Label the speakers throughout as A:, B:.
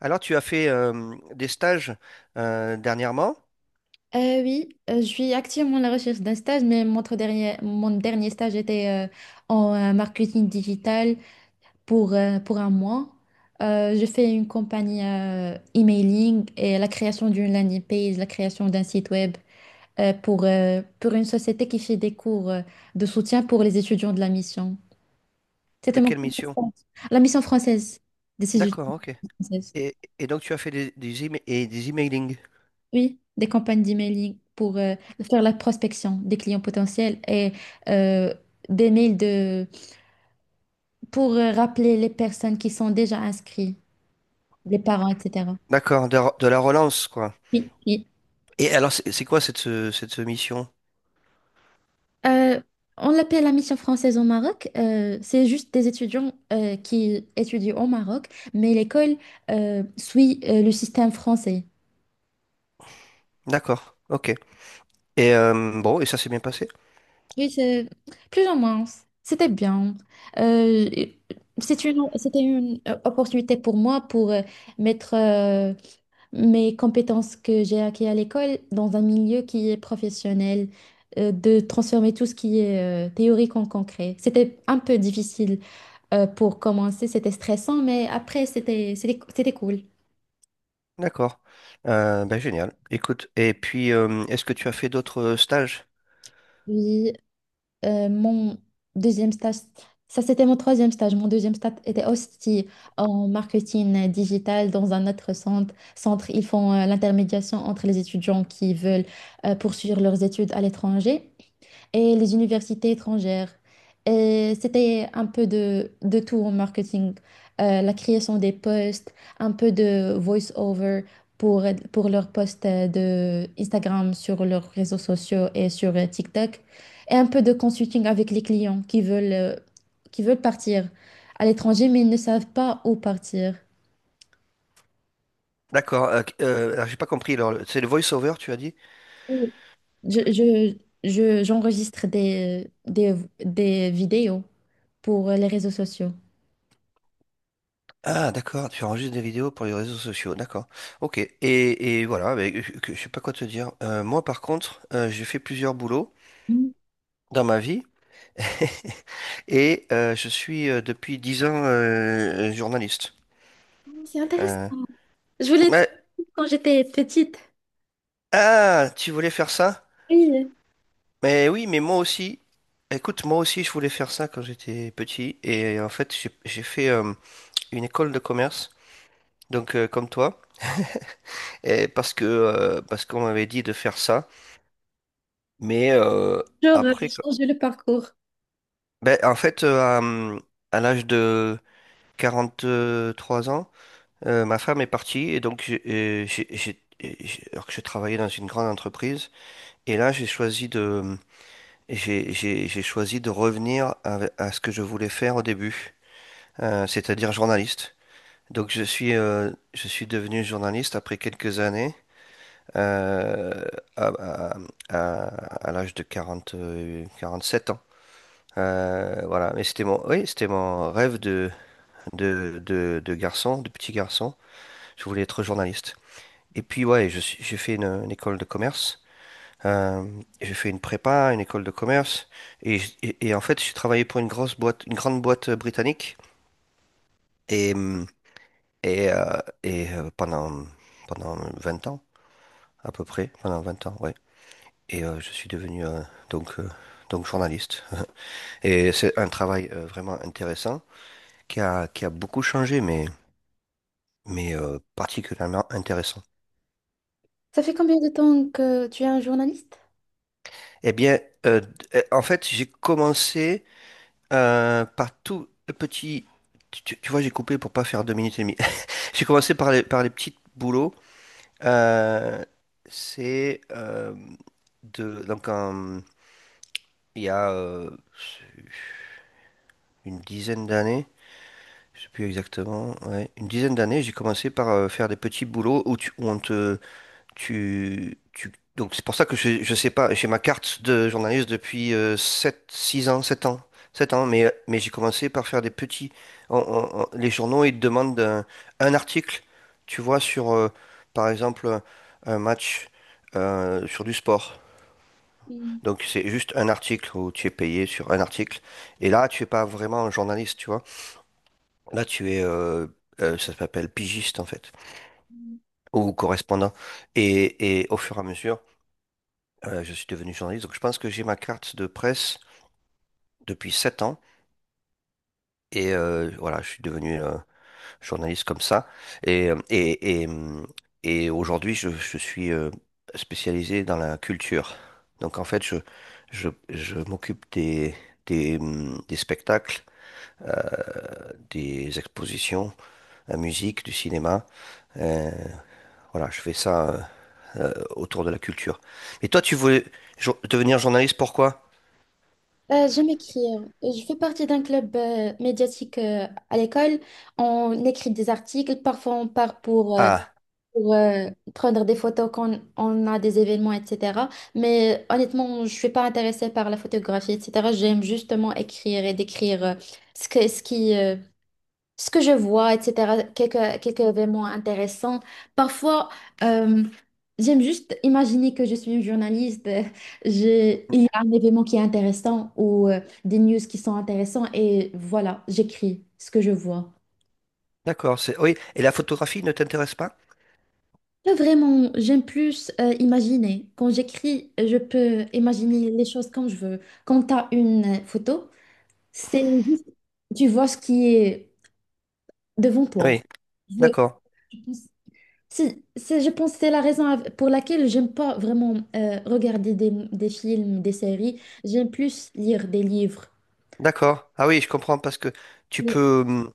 A: Alors, tu as fait des stages dernièrement?
B: Oui, je suis activement à la recherche d'un stage, mais mon dernier stage était en marketing digital pour un mois. Je fais une compagnie emailing et la création d'une landing page, la création d'un site web pour une société qui fait des cours de soutien pour les étudiants de la mission.
A: De
B: C'était mon
A: quelle
B: premier
A: mission?
B: stage. La mission française, des
A: D'accord,
B: étudiants
A: ok.
B: françaises.
A: Et, donc, tu as fait et des emailing.
B: Oui, des campagnes d'emailing pour faire la prospection des clients potentiels et euh, des mails pour rappeler les personnes qui sont déjà inscrites, les parents, etc.
A: D'accord, de la relance, quoi.
B: Oui, oui.
A: Et alors, c'est quoi cette mission?
B: Euh, on l'appelle la mission française au Maroc. C'est juste des étudiants qui étudient au Maroc, mais l'école suit le système français.
A: D'accord, ok. Et bon, et ça s'est bien passé?
B: Oui, c'est plus ou moins. C'était bien. Euh, C'était une opportunité pour moi pour mettre mes compétences que j'ai acquises à l'école dans un milieu qui est professionnel, de transformer tout ce qui est théorique en concret. C'était un peu difficile pour commencer, c'était stressant, mais après, c'était cool.
A: D'accord. Ben, génial. Écoute, et puis, est-ce que tu as fait d'autres stages?
B: Oui, Euh, mon deuxième stage, ça c'était mon troisième stage. Mon deuxième stage était aussi en marketing digital dans un autre centre. Ils font l'intermédiation entre les étudiants qui veulent poursuivre leurs études à l'étranger et les universités étrangères. Et c'était un peu de tout en marketing, la création des posts, un peu de voice-over pour, pour leurs posts de Instagram sur leurs réseaux sociaux et sur TikTok, et un peu de consulting avec les clients qui veulent partir à l'étranger, mais ils ne savent pas où partir.
A: D'accord. Alors, j'ai pas compris. Alors, c'est le voice-over, tu as dit?
B: Oui. Je, je, J'enregistre des vidéos pour les réseaux sociaux.
A: Ah, d'accord, tu enregistres des vidéos pour les réseaux sociaux, d'accord. Ok, et voilà, mais, je sais pas quoi te dire. Moi, par contre, j'ai fait plusieurs boulots dans ma vie et je suis depuis 10 ans journaliste.
B: C'est intéressant.
A: Euh,
B: Je voulais être
A: mais-
B: quand j'étais petite.
A: ah, tu voulais faire ça?
B: Oui.
A: Mais oui, mais moi aussi. Écoute, moi aussi, je voulais faire ça quand j'étais petit et en fait, j'ai fait une école de commerce, donc comme toi, et parce que parce qu'on m'avait dit de faire ça. Mais
B: Genre,
A: après, co-
B: changer le parcours.
A: ben, en fait, à l'âge de 43 ans, ma femme est partie et j'ai- alors que je travaillais dans une grande entreprise, et là j'ai choisi j'ai choisi de revenir à ce que je voulais faire au début, c'est-à-dire journaliste. Donc je suis devenu journaliste après quelques années. euh, à, à- à- à l'âge de 47 ans. Voilà, mais c'était mon, oui, c'était mon rêve de, de garçon, de petit garçon. Je voulais être journaliste. Et puis, ouais, j'ai fait une école de commerce. Euh, j'ai fait une prépa, une école de commerce. Et, et en fait, j'ai travaillé pour une grosse boîte, une grande boîte britannique. Et, et, euh, et euh, pendant, pendant 20 ans, à peu près, pendant 20 ans, ouais. Et je suis devenu donc, euh, donc journaliste. Et c'est un travail vraiment intéressant qui a beaucoup changé, mais particulièrement intéressant.
B: Ça fait combien de temps que tu es un journaliste?
A: Eh bien, euh, d- en fait, j'ai commencé par tout le petit. Tu, tu vois, j'ai coupé pour pas faire 2 minutes et demie. J'ai commencé par les petits boulots. Euh, c'est de donc un- il y a une dizaine d'années. Je sais plus exactement. Ouais, une dizaine d'années, j'ai commencé par faire des petits boulots où on te Donc c'est pour ça que je sais pas, j'ai ma carte de journaliste depuis 7, 6 ans, 7 ans, 7 ans, mais j'ai commencé par faire des petits... les journaux, ils te demandent un article, tu vois, sur, par exemple, un match sur du sport.
B: Hmm.
A: Donc c'est juste un article où tu es payé sur un article. Et là, tu es pas vraiment un journaliste, tu vois. Là, ça s'appelle pigiste, en fait, ou correspondant. Et au fur et à mesure... Je suis devenu journaliste, donc je pense que j'ai ma carte de presse depuis 7 ans. Et voilà, je suis devenu journaliste comme ça. Et, et aujourd'hui, je suis spécialisé dans la culture. Donc en fait, je m'occupe des, des spectacles, des expositions, la musique, du cinéma. Euh, voilà, je fais ça autour de la culture. Et toi, tu voulais devenir journaliste, pourquoi?
B: J'aime écrire. Je fais partie d'un club médiatique à l'école. On écrit des articles. Parfois, on part
A: Ah,
B: pour, prendre des photos quand on a des événements, etc. Mais honnêtement, je suis pas intéressée par la photographie, etc. J'aime justement écrire et décrire ce que- ce qui, euh, ce que je vois, etc., quelques événements intéressants. Parfois, euh, j'aime juste imaginer que je suis une journaliste. Il y a un événement qui est intéressant ou des news qui sont intéressants et voilà, j'écris ce que je vois.
A: d'accord, c'est oui. Et la photographie ne t'intéresse pas?
B: Pas vraiment, j'aime plus imaginer. Quand j'écris, je peux imaginer les choses comme je veux. Quand tu as une photo, c'est juste, tu vois ce qui est devant toi.
A: Oui,
B: Je,
A: d'accord,
B: Je pense que c'est la raison pour laquelle j'aime pas vraiment regarder des films, des séries. J'aime plus lire des livres.
A: d'accord. Ah oui, je comprends parce que tu
B: Mais
A: peux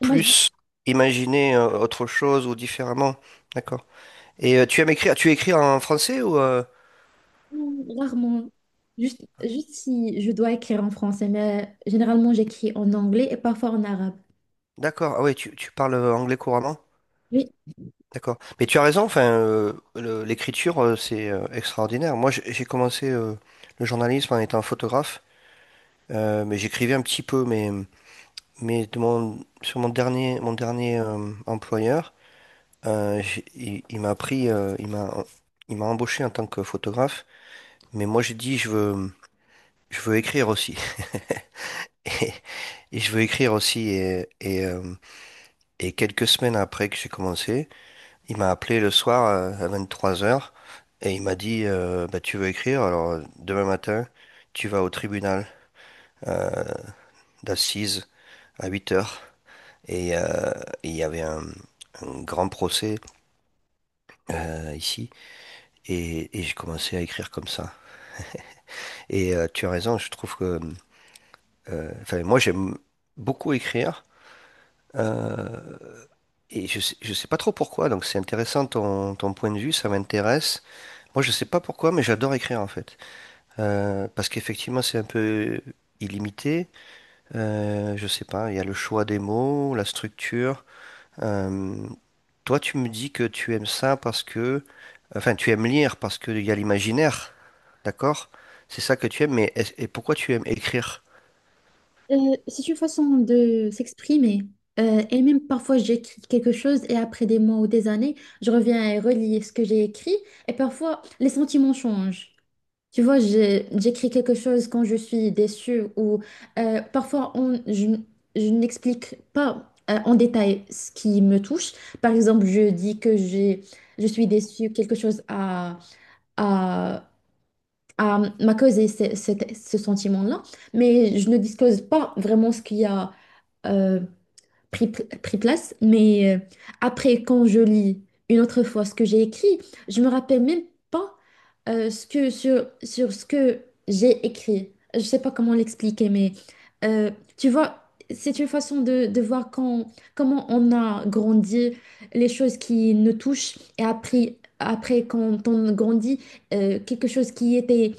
B: Imagine,
A: plus imaginer autre chose ou différemment. D'accord. Et tu aimes écrire, tu écris en français ou?
B: Rarement. Juste si je dois écrire en français, mais généralement j'écris en anglais et parfois en arabe.
A: D'accord. Ah oui, tu parles anglais couramment.
B: Oui,
A: D'accord. Mais tu as raison. Enfin, l'écriture, c'est extraordinaire. Moi, j'ai commencé le journalisme en étant photographe, mais j'écrivais un petit peu. Mais sur mon dernier employeur. Il m'a pris, il m'a embauché en tant que photographe, mais moi j'ai dit je veux écrire aussi. Et, et je veux écrire aussi. Et, et quelques semaines après que j'ai commencé, il m'a appelé le soir à 23 heures et il m'a dit bah, tu veux écrire, alors demain matin tu vas au tribunal euh, d'assises à 8 heures. Et il y avait un grand procès ici et j'ai commencé à écrire comme ça. Et tu as raison, je trouve que... Enfin, moi, j'aime beaucoup écrire. euh, et je sais pas trop pourquoi, donc c'est intéressant ton point de vue, ça m'intéresse. Moi, je sais pas pourquoi, mais j'adore écrire en fait. Parce qu'effectivement, c'est un peu illimité. Je sais pas, il y a le choix des mots, la structure. Euh, Toi, tu me dis que tu aimes ça parce que... Enfin, tu aimes lire parce qu'il y a l'imaginaire, d'accord? C'est ça que tu aimes, mais et pourquoi tu aimes écrire?
B: euh, c'est une façon de s'exprimer. Et même parfois j'écris quelque chose et après des mois ou des années, je reviens et relis ce que j'ai écrit. Et parfois les sentiments changent. Tu vois, j'écris quelque chose quand je suis déçue ou parfois je n'explique pas en détail ce qui me touche. Par exemple, je dis que je suis déçue, quelque chose à, à m'a causé ce sentiment-là, mais je ne disclose pas vraiment ce qu'il y a. euh, Pris place, mais après, quand je lis une autre fois ce que j'ai écrit, je me rappelle même pas sur ce que j'ai écrit. Je sais pas comment l'expliquer, mais euh, tu vois, c'est une façon de voir comment on a grandi, les choses qui nous touchent, et après quand on grandit, quelque chose qui était,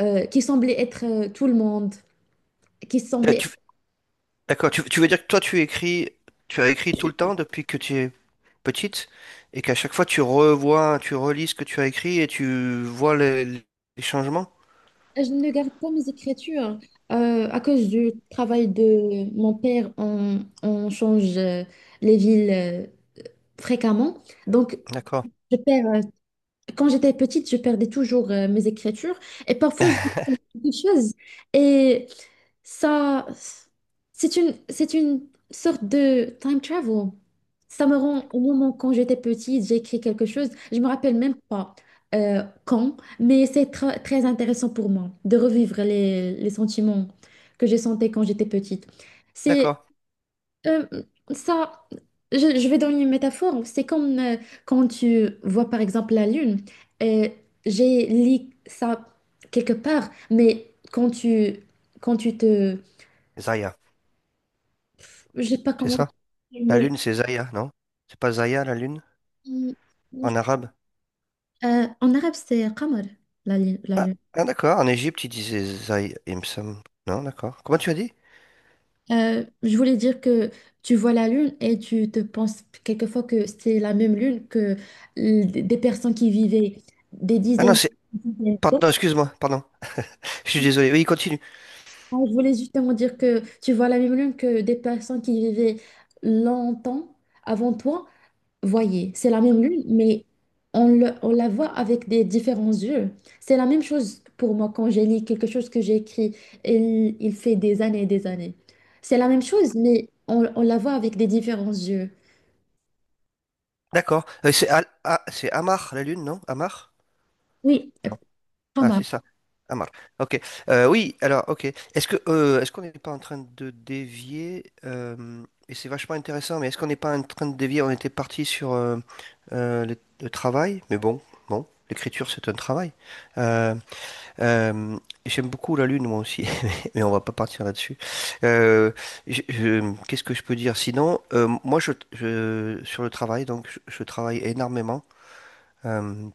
B: euh, qui semblait être tout le monde, qui
A: Euh,
B: semblait.
A: Tu, D'accord, tu veux dire que toi tu écris, tu as écrit tout le temps depuis que tu es petite et qu'à chaque fois tu revois, tu relis ce que tu as écrit et tu vois les changements?
B: Je ne garde pas mes écritures. À cause du travail de mon père, on change les villes fréquemment. Donc,
A: D'accord,
B: je perds, euh, quand j'étais petite, je perdais toujours mes écritures. Et parfois, je trouve quelque chose. Et ça, c'est une sorte de time travel. Ça me rend au moment quand j'étais petite, j'ai écrit quelque chose. Je me rappelle même pas quand, mais c'est très intéressant pour moi de revivre les sentiments que j'ai sentais quand j'étais petite. C'est
A: d'accord.
B: euh, ça. Je vais donner une métaphore. C'est comme quand tu vois par exemple la lune. Euh, j'ai lu ça quelque part, mais quand tu te
A: Zaya,
B: je sais pas
A: c'est
B: comment dire,
A: ça? La
B: mais
A: lune c'est Zaya, non? C'est pas Zaya la lune
B: hum,
A: en arabe?
B: en arabe, c'est Qamar, la lune. La
A: Ah,
B: lune.
A: ah, d'accord, en Égypte ils disaient Zaya, il me semble. Non, d'accord. Comment tu as dit?
B: Je voulais dire que tu vois la lune et tu te penses quelquefois que c'est la même lune que des personnes qui vivaient des
A: Ah non,
B: dizaines,
A: c'est...
B: des dizaines d'années.
A: Pardon, excuse-moi, pardon. Je suis désolé. Oui, continue.
B: Ah, je voulais justement dire que tu vois la même lune que des personnes qui vivaient longtemps avant toi, voyez, c'est la même lune, mais on la voit avec des différents yeux. C'est la même chose pour moi quand j'ai lu quelque chose que j'ai écrit, il fait des années et des années. C'est la même chose, mais on la voit avec des différents yeux.
A: D'accord. Ah, c'est Amar la lune, non? Amar?
B: Oui, pas
A: Ah,
B: mal.
A: c'est ça. Amar. Ok. Oui, alors, ok. Est-ce que est-ce qu'on n'est pas en train de dévier et c'est vachement intéressant, mais est-ce qu'on n'est pas en train de dévier? On était parti sur le travail, mais bon, bon, l'écriture c'est un travail. Euh, euh, J'aime beaucoup la lune moi aussi, mais on va pas partir là-dessus. Euh, Qu'est-ce que je peux dire? Sinon, moi sur le travail, donc je travaille énormément. Euh,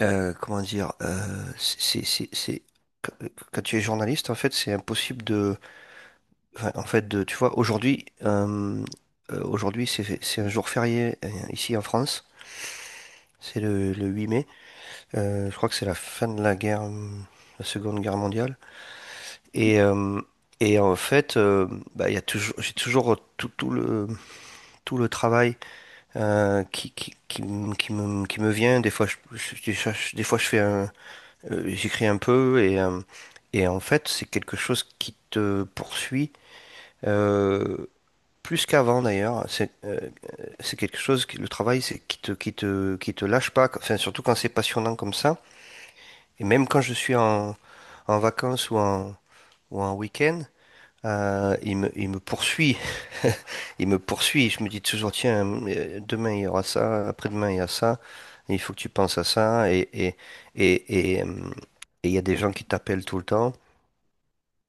A: euh, comment dire, euh, c'est, quand tu es journaliste, en fait, c'est impossible de, enfin, en fait, de, tu vois, aujourd'hui, aujourd'hui, c'est un jour férié ici en France, c'est le 8 mai. Je crois que c'est la fin de la guerre, la Seconde Guerre mondiale, et, et en fait, euh, bah, il y a toujours, j'ai toujours tout, tout le travail qui me vient. Des fois, je, des fois, je des fois, je fais un, j'écris un peu et en fait, c'est quelque chose qui te poursuit euh, plus qu'avant d'ailleurs. C'est quelque chose qui, le travail, c'est qui te lâche pas. Enfin, surtout quand c'est passionnant comme ça. Et même quand je suis en vacances ou en week-end, il me poursuit. Il me poursuit. Je me dis toujours, tiens, demain il y aura ça, après-demain il y a ça. Il faut que tu penses à ça. Et, et, euh, et il y a des gens qui t'appellent tout le temps.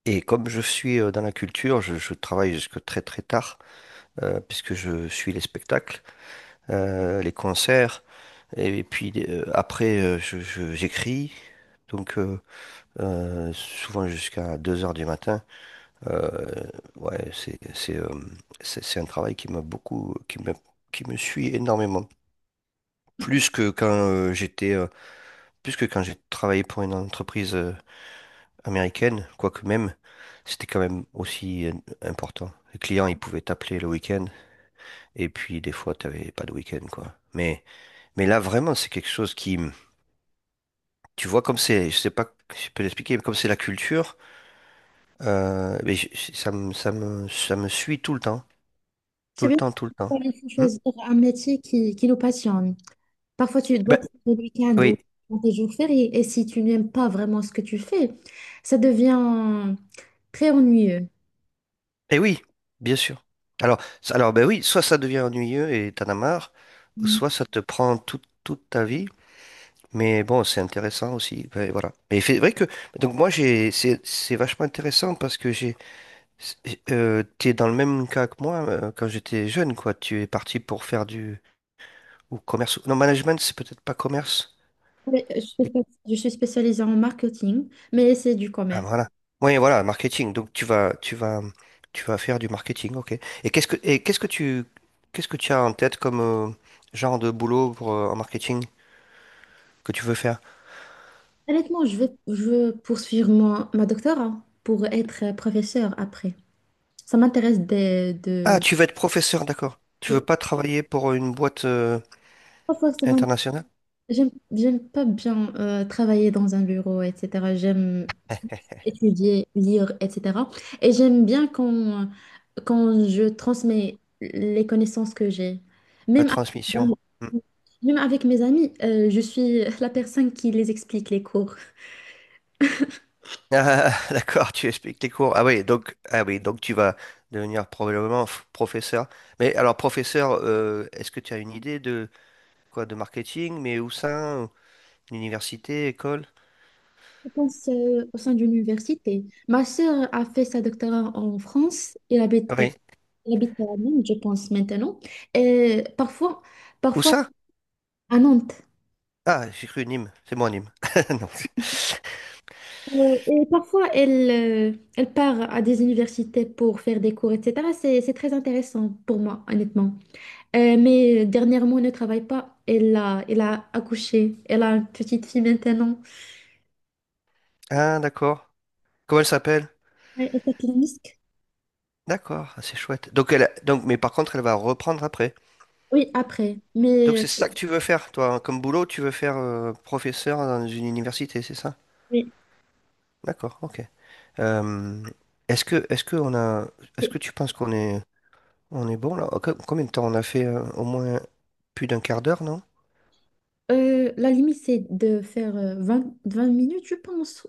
A: Et comme je suis dans la culture, je travaille jusque très très tard, puisque je suis les spectacles, les concerts, et, puis j'écris, donc souvent jusqu'à 2 heures du matin. Euh, ouais, c'est, c'est un travail qui m'a beaucoup, qui me suit énormément. Plus que quand plus que quand j'ai travaillé pour une entreprise américaine, quoique même, c'était quand même aussi important. Les clients, ils pouvaient t'appeler le week-end, et puis des fois, t'avais pas de week-end, quoi. Mais là, vraiment, c'est quelque chose qui, tu vois, comme c'est, je sais pas si je peux l'expliquer, mais comme c'est la culture, ça me, ça me suit tout le temps, tout
B: C'est
A: le
B: bien.
A: temps, tout le temps.
B: Pourquoi il faut
A: Hmm.
B: choisir un métier qui nous passionne. Parfois, tu dois
A: Ben,
B: te le week-end ou
A: oui,
B: dans tes jours fériés. Et si tu n'aimes pas vraiment ce que tu fais, ça devient très ennuyeux.
A: et oui, bien sûr. Alors, ben oui, soit ça devient ennuyeux et t'en as marre, ou soit ça te prend toute toute ta vie. Mais bon, c'est intéressant aussi. Ouais, voilà. Mais c'est vrai que donc moi j'ai c'est vachement intéressant parce que j'ai, t'es dans le même cas que moi quand j'étais jeune quoi. Tu es parti pour faire du ou commerce. Non, management c'est peut-être pas commerce.
B: Oui,
A: Et-
B: je suis spécialisée en marketing, mais c'est du
A: Ah
B: commerce.
A: voilà. Oui, voilà, marketing. Donc tu vas faire du marketing, ok. Et qu'est-ce que tu as en tête comme genre de boulot pour, en marketing que tu veux faire?
B: Honnêtement, je veux poursuivre ma doctorat pour être professeur après. Ça m'intéresse
A: Ah, tu veux être professeur, d'accord. Tu veux
B: et
A: pas travailler pour une boîte
B: pas forcément,
A: internationale?
B: j'aime pas bien travailler dans un bureau, etc. J'aime étudier, lire, etc. Et j'aime bien quand je transmets les connaissances que j'ai.
A: La
B: Même
A: transmission.
B: avec,
A: Hmm.
B: Même avec mes amis, je suis la personne qui les explique les cours.
A: Ah, d'accord, tu expliques tes cours. Ah oui, donc tu vas devenir probablement professeur. Mais alors, professeur, est-ce que tu as une idée de quoi, de marketing, mais où ça? Ou- Université, école?
B: Je pense au sein d'une université. Ma sœur a fait sa doctorat en France.
A: Ah oui.
B: Elle habite à Nantes, je pense, maintenant. Et
A: Où
B: parfois
A: ça?
B: à Nantes.
A: Ah, j'ai cru Nîmes. C'est moi Nîmes. Non.
B: Et parfois, elle part à des universités pour faire des cours, etc. C'est très intéressant pour moi, honnêtement. Mais dernièrement, elle ne travaille pas. Elle a accouché. Elle a une petite fille maintenant.
A: Ah, d'accord. Comment elle s'appelle?
B: Elle s'appelle Misk.
A: D'accord, ah, c'est chouette. Donc, donc, mais par contre, elle va reprendre après.
B: Oui, après.
A: Donc,
B: Mais,
A: c'est ça que tu veux faire, toi, hein, comme boulot, tu veux faire professeur dans une université, c'est ça?
B: oui.
A: D'accord, ok. Euh, Est-ce que on a, est-ce que
B: Oui.
A: tu penses qu'on est, on est bon là? Combien de temps on a fait au moins plus d'un quart d'heure, non?
B: La limite, c'est de faire 20 20 minutes, je pense.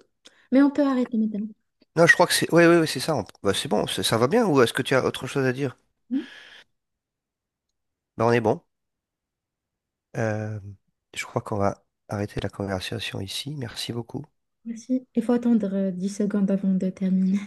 B: Mais on peut arrêter maintenant.
A: Non, je crois que c'est, ouais, ouais, ouais, c'est ça. Bah, c'est bon, ça va bien. Ou est-ce que tu as autre chose à dire? Bah, on est bon. Euh, je crois qu'on va arrêter la conversation ici. Merci beaucoup.
B: Merci. Il faut attendre 10 secondes avant de terminer.